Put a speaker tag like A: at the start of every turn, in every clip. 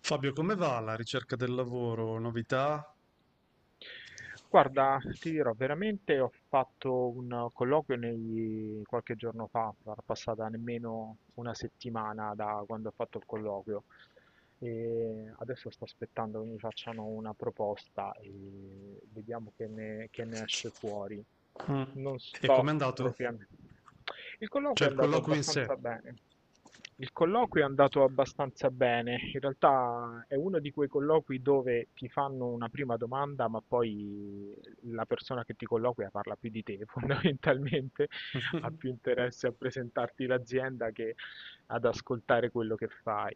A: Fabio, come va la ricerca del lavoro? Novità?
B: Guarda, ti dirò, veramente ho fatto un qualche giorno fa, sarà passata nemmeno una settimana da quando ho fatto il colloquio e adesso sto aspettando che mi facciano una proposta e vediamo che ne esce fuori.
A: Mm.
B: Non
A: E com'è
B: sto
A: andato?
B: propriamente. Il
A: Cioè
B: colloquio è
A: il
B: andato
A: colloquio in sé.
B: abbastanza bene. Il colloquio è andato abbastanza bene. In realtà è uno di quei colloqui dove ti fanno una prima domanda, ma poi la persona che ti colloquia parla più di te, fondamentalmente ha più interesse a presentarti l'azienda che ad ascoltare quello che fai.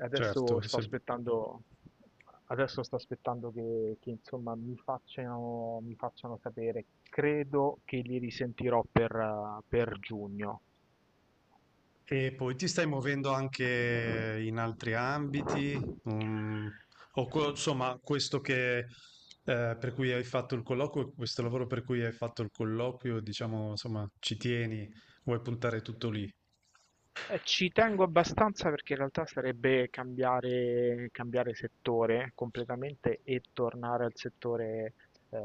B: Adesso
A: Certo,
B: sto
A: sempre.
B: aspettando, adesso sto aspettando che insomma mi facciano sapere. Credo che li risentirò per giugno.
A: E poi ti stai muovendo anche in altri ambiti, mm, insomma, questo che per cui hai fatto il colloquio, questo lavoro per cui hai fatto il colloquio, diciamo, insomma, ci tieni, vuoi puntare tutto lì.
B: Ci tengo abbastanza perché in realtà sarebbe cambiare, cambiare settore completamente e tornare al settore eh,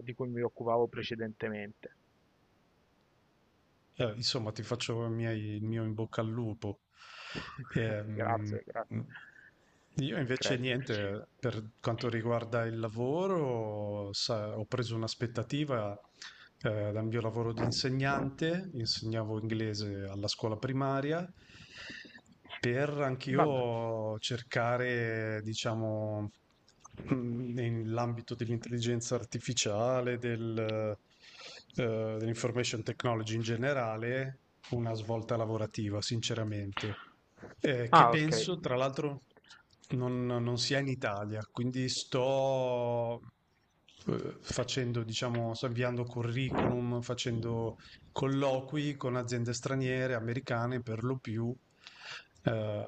B: di cui mi occupavo precedentemente.
A: Insomma, ti faccio i miei- il mio in bocca al lupo. Ehm,
B: Grazie, grazie.
A: io invece
B: Credo.
A: niente, per quanto riguarda il lavoro, ho preso un'aspettativa dal mio lavoro di insegnante, insegnavo inglese alla scuola primaria per
B: Vabbè.
A: anch'io cercare, diciamo, nell'ambito dell'intelligenza artificiale, dell'information technology in generale, una svolta lavorativa, sinceramente. Che
B: Ah, ok.
A: penso, tra l'altro, non sia in Italia, quindi sto facendo, diciamo, sto inviando curriculum, facendo colloqui con aziende straniere, americane per lo più, eh,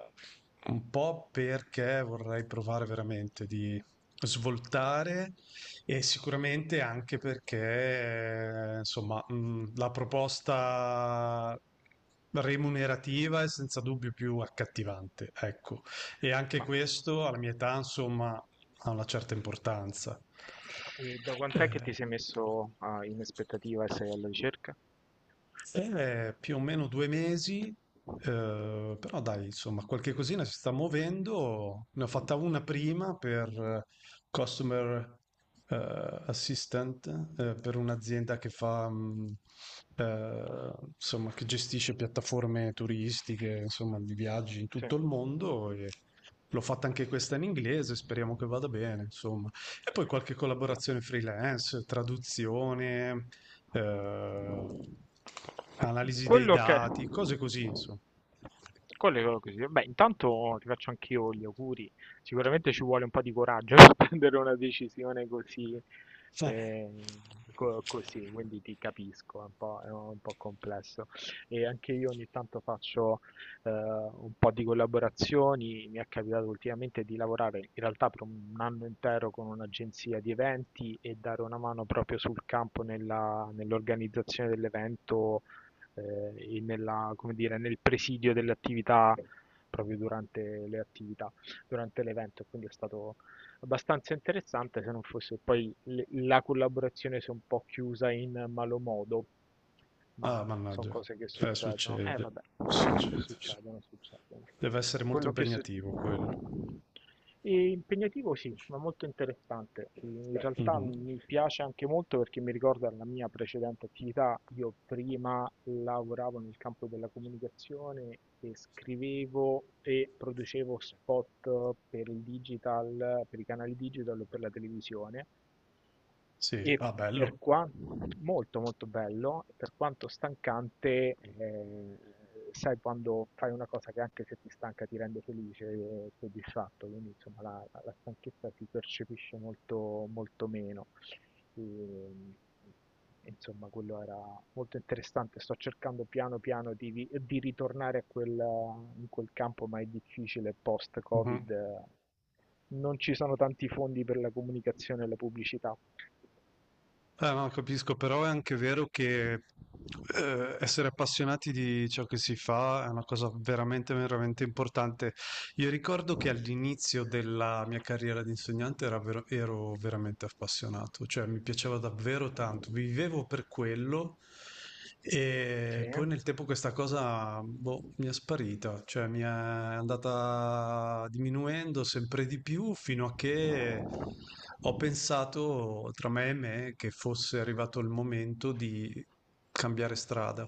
A: un po' perché vorrei provare veramente di svoltare e sicuramente anche perché, insomma, la proposta remunerativa è senza dubbio più accattivante, ecco. E anche
B: Ma
A: questo alla mia età, insomma, ha una certa importanza.
B: e da quant'è che
A: Eh,
B: ti sei messo ah, in aspettativa e sei alla ricerca?
A: è più o meno due mesi, però dai, insomma, qualche cosina si sta muovendo. Ne ho fatta una prima per Customer Assistant, per un'azienda che fa, insomma, che gestisce piattaforme turistiche, insomma, di viaggi in
B: Sì.
A: tutto il mondo. E l'ho fatta anche questa in inglese, speriamo che vada bene, insomma. E poi qualche collaborazione freelance, traduzione, eh,
B: Eh,
A: analisi dei
B: Quello che...
A: dati, cose così, insomma.
B: Quello è quello così. Beh, intanto ti faccio anch'io gli auguri. Sicuramente ci vuole un po' di coraggio per prendere una decisione così,
A: Eh.
B: eh, così, quindi ti capisco, è un po' complesso. E anche io ogni tanto faccio un po' di collaborazioni. Mi è capitato ultimamente di lavorare in realtà per un anno intero con un'agenzia di eventi e dare una mano proprio sul campo nell'organizzazione dell'evento e come dire, nel presidio delle attività proprio durante le attività, durante l'evento. Quindi è stato abbastanza interessante se non fosse poi la collaborazione si è un po' chiusa in malo modo,
A: Ah,
B: ma sono
A: mannaggia.
B: cose che succedono.
A: Succede, succede. Sì.
B: Succedono, succedono.
A: Deve essere molto
B: Quello che succede...
A: impegnativo quello.
B: E impegnativo sì, ma molto interessante. In realtà
A: Mhm.
B: mi piace anche molto perché mi ricorda la mia precedente attività. Io prima lavoravo nel campo della comunicazione e scrivevo e producevo spot per il digital, per i canali digital o per la televisione.
A: Sì,
B: E
A: ah,
B: per
A: bello.
B: quanto molto molto bello, per quanto stancante, sai, quando fai una cosa che anche se ti stanca ti rende felice e soddisfatto, quindi insomma la stanchezza si percepisce molto, molto meno. E, insomma, quello era molto interessante. Sto cercando piano piano di, di ritornare a quel, in quel campo, ma è difficile
A: Mhm.
B: post-Covid. Non ci sono tanti fondi per la comunicazione e la pubblicità.
A: No, capisco, però è anche vero che essere appassionati di ciò che si fa è una cosa veramente, veramente importante. Io ricordo che all'inizio della mia carriera di insegnante ero veramente appassionato, cioè mi piaceva davvero tanto, vivevo per quello
B: Sì.
A: e poi nel tempo questa cosa, boh, mi è sparita, cioè mi è andata diminuendo sempre di più fino a che ho pensato tra me e me che fosse arrivato il momento di cambiare strada.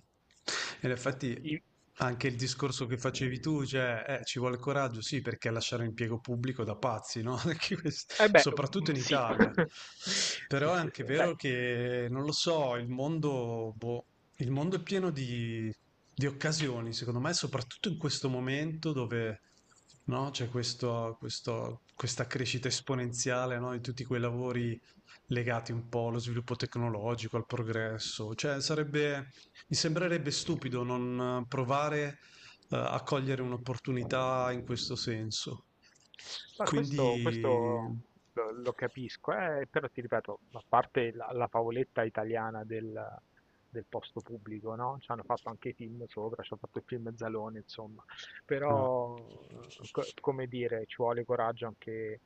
A: E in
B: Mh,
A: effetti
B: i
A: anche il discorso che facevi tu, cioè, ci vuole coraggio, sì, perché lasciare l'impiego pubblico da pazzi, no? Soprattutto in
B: sì.
A: Italia.
B: Sì,
A: Però è
B: sì,
A: anche
B: sì. Beh,
A: vero che, non lo so, il mondo, boh, il mondo è pieno di occasioni, secondo me, soprattutto in questo momento dove, no, c'è questa crescita esponenziale, no, di tutti quei lavori legati un po' allo sviluppo tecnologico, al progresso. Cioè, sarebbe, mi sembrerebbe stupido non provare, a cogliere un'opportunità in questo senso.
B: ma questo
A: Quindi,
B: lo capisco, però ti ripeto, a parte la favoletta italiana del posto pubblico, no, c'hanno fatto anche i film sopra, c'hanno fatto il film Zalone, insomma.
A: ah,
B: Però, co come dire, ci vuole coraggio anche,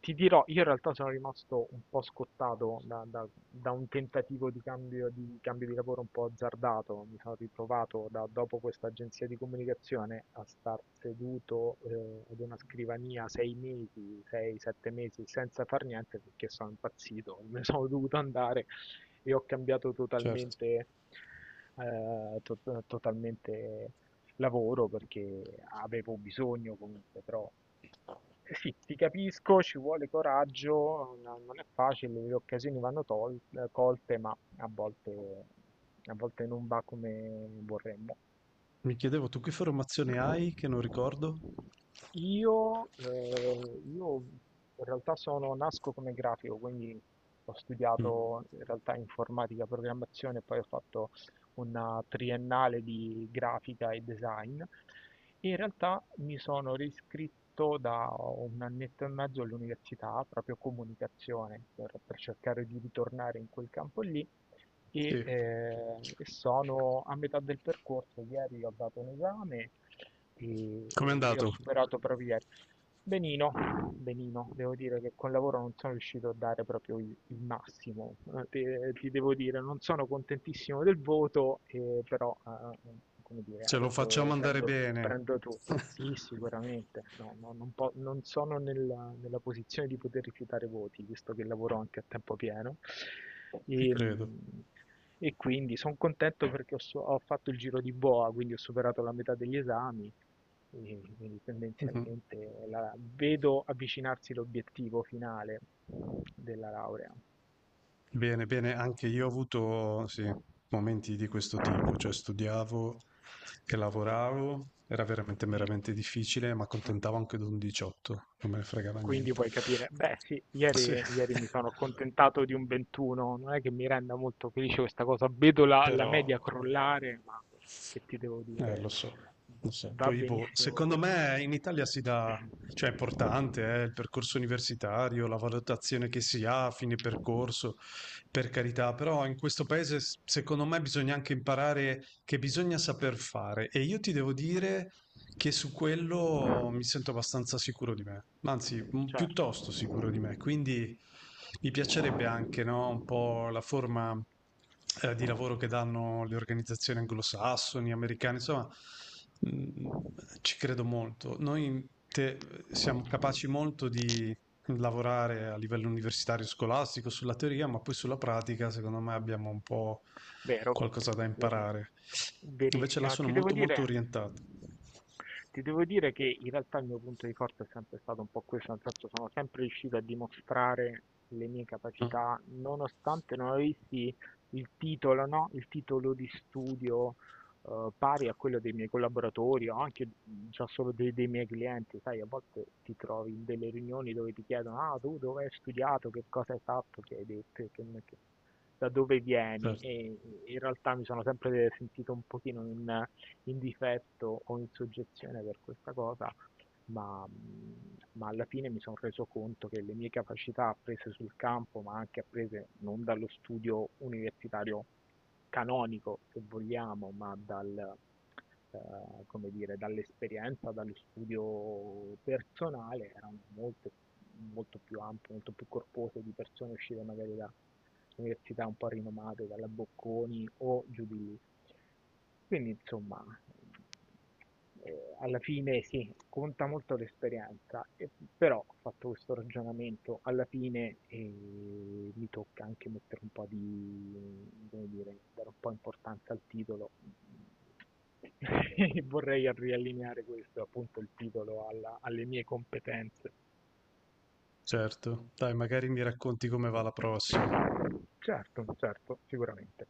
B: ti dirò, io in realtà sono rimasto un po' scottato da un tentativo di cambio di lavoro un po' azzardato, mi sono ritrovato dopo questa agenzia di comunicazione a star seduto ad una scrivania sei mesi, sei, sette mesi senza far niente perché sono impazzito, me ne sono dovuto andare e ho cambiato
A: certo.
B: totalmente, totalmente lavoro perché avevo bisogno comunque, però eh sì, ti capisco, ci vuole coraggio, non è facile, le occasioni vanno colte, ma a volte non va come vorremmo.
A: Mi chiedevo, tu che formazione hai che non ricordo?
B: Io, io in realtà sono, nasco come grafico, quindi ho
A: Mm.
B: studiato in realtà informatica, programmazione, poi ho fatto una triennale di grafica e design. E in realtà mi sono riscritto da un annetto e mezzo all'università, proprio comunicazione, per cercare di ritornare in quel campo lì e,
A: Sì.
B: eh, e sono a metà del percorso. Ieri ho dato un esame e,
A: Com'è
B: e ho
A: andato?
B: superato proprio ieri. Benino, benino, devo dire che col lavoro non sono riuscito a dare proprio il massimo, ti devo dire, non sono contentissimo del voto, però come dire,
A: Ce lo
B: adesso
A: facciamo andare bene.
B: prendo tu. Sì, sicuramente, no, no, non sono nella posizione di poter rifiutare voti, visto che lavoro anche a tempo pieno.
A: Ci
B: E,
A: credo.
B: mm, e quindi sono contento perché ho, ho fatto il giro di boa, quindi ho superato la metà degli esami, quindi tendenzialmente vedo avvicinarsi l'obiettivo finale della laurea.
A: Bene, bene, anche io ho avuto, sì, momenti di questo tipo, cioè studiavo e lavoravo, era veramente,
B: Mm.
A: veramente difficile, ma
B: Ah,
A: accontentavo anche di un 18, non me ne fregava
B: quindi
A: niente.
B: puoi capire, beh sì,
A: Sì.
B: ieri, ieri mi sono accontentato di un 21, non è che mi renda molto felice questa cosa, vedo la
A: Però,
B: media crollare, ma che ti devo
A: lo
B: dire,
A: so, lo so.
B: va
A: Poi, boh,
B: benissimo
A: secondo
B: perché...
A: me in Italia si dà, cioè è importante, il percorso universitario, la valutazione che si ha a fine percorso, per carità, però in questo paese, secondo me bisogna anche imparare che bisogna saper fare. E io ti devo dire che su quello mi sento abbastanza sicuro di me, anzi,
B: Certo.
A: piuttosto sicuro di me, quindi mi piacerebbe anche, no, un po' la forma, di lavoro che danno le organizzazioni anglosassoni, americane, insomma, mh, ci credo molto. Siamo capaci molto di lavorare a livello universitario scolastico sulla teoria, ma poi sulla pratica, secondo me, abbiamo un po'
B: Vero,
A: qualcosa da
B: veri-
A: imparare. Invece là
B: verissimo.
A: sono molto molto orientato.
B: Ti devo dire che in realtà il mio punto di forza è sempre stato un po' questo, nel senso sono sempre riuscito a dimostrare le mie
A: Ah,
B: capacità, nonostante non avessi il titolo, no? Il titolo di studio pari a quello dei miei collaboratori o anche già solo dei miei clienti, sai, a volte ti trovi in delle riunioni dove ti chiedono, ah, tu dove hai studiato, che cosa hai fatto, che hai detto, da dove vieni,
A: certo,
B: e in realtà mi sono sempre sentito un pochino in difetto o in soggezione per questa cosa, ma alla fine mi sono reso conto che le mie capacità apprese sul campo, ma anche apprese non dallo studio universitario canonico, se vogliamo, ma eh, come dire, dall'esperienza, dallo studio personale, erano molto, molto più ampie, molto più corpose di persone uscite magari da università un po' rinomate, dalla Bocconi o giù di lì. Quindi, insomma, alla fine sì, conta molto l'esperienza, però ho fatto questo ragionamento, alla fine mi tocca anche mettere un po' di, come dire, dare un po' importanza al titolo. E vorrei riallineare questo, appunto, il titolo alle mie competenze.
A: certo. Dai, magari mi racconti come va la prossima.
B: Certo, certo, sicuramente.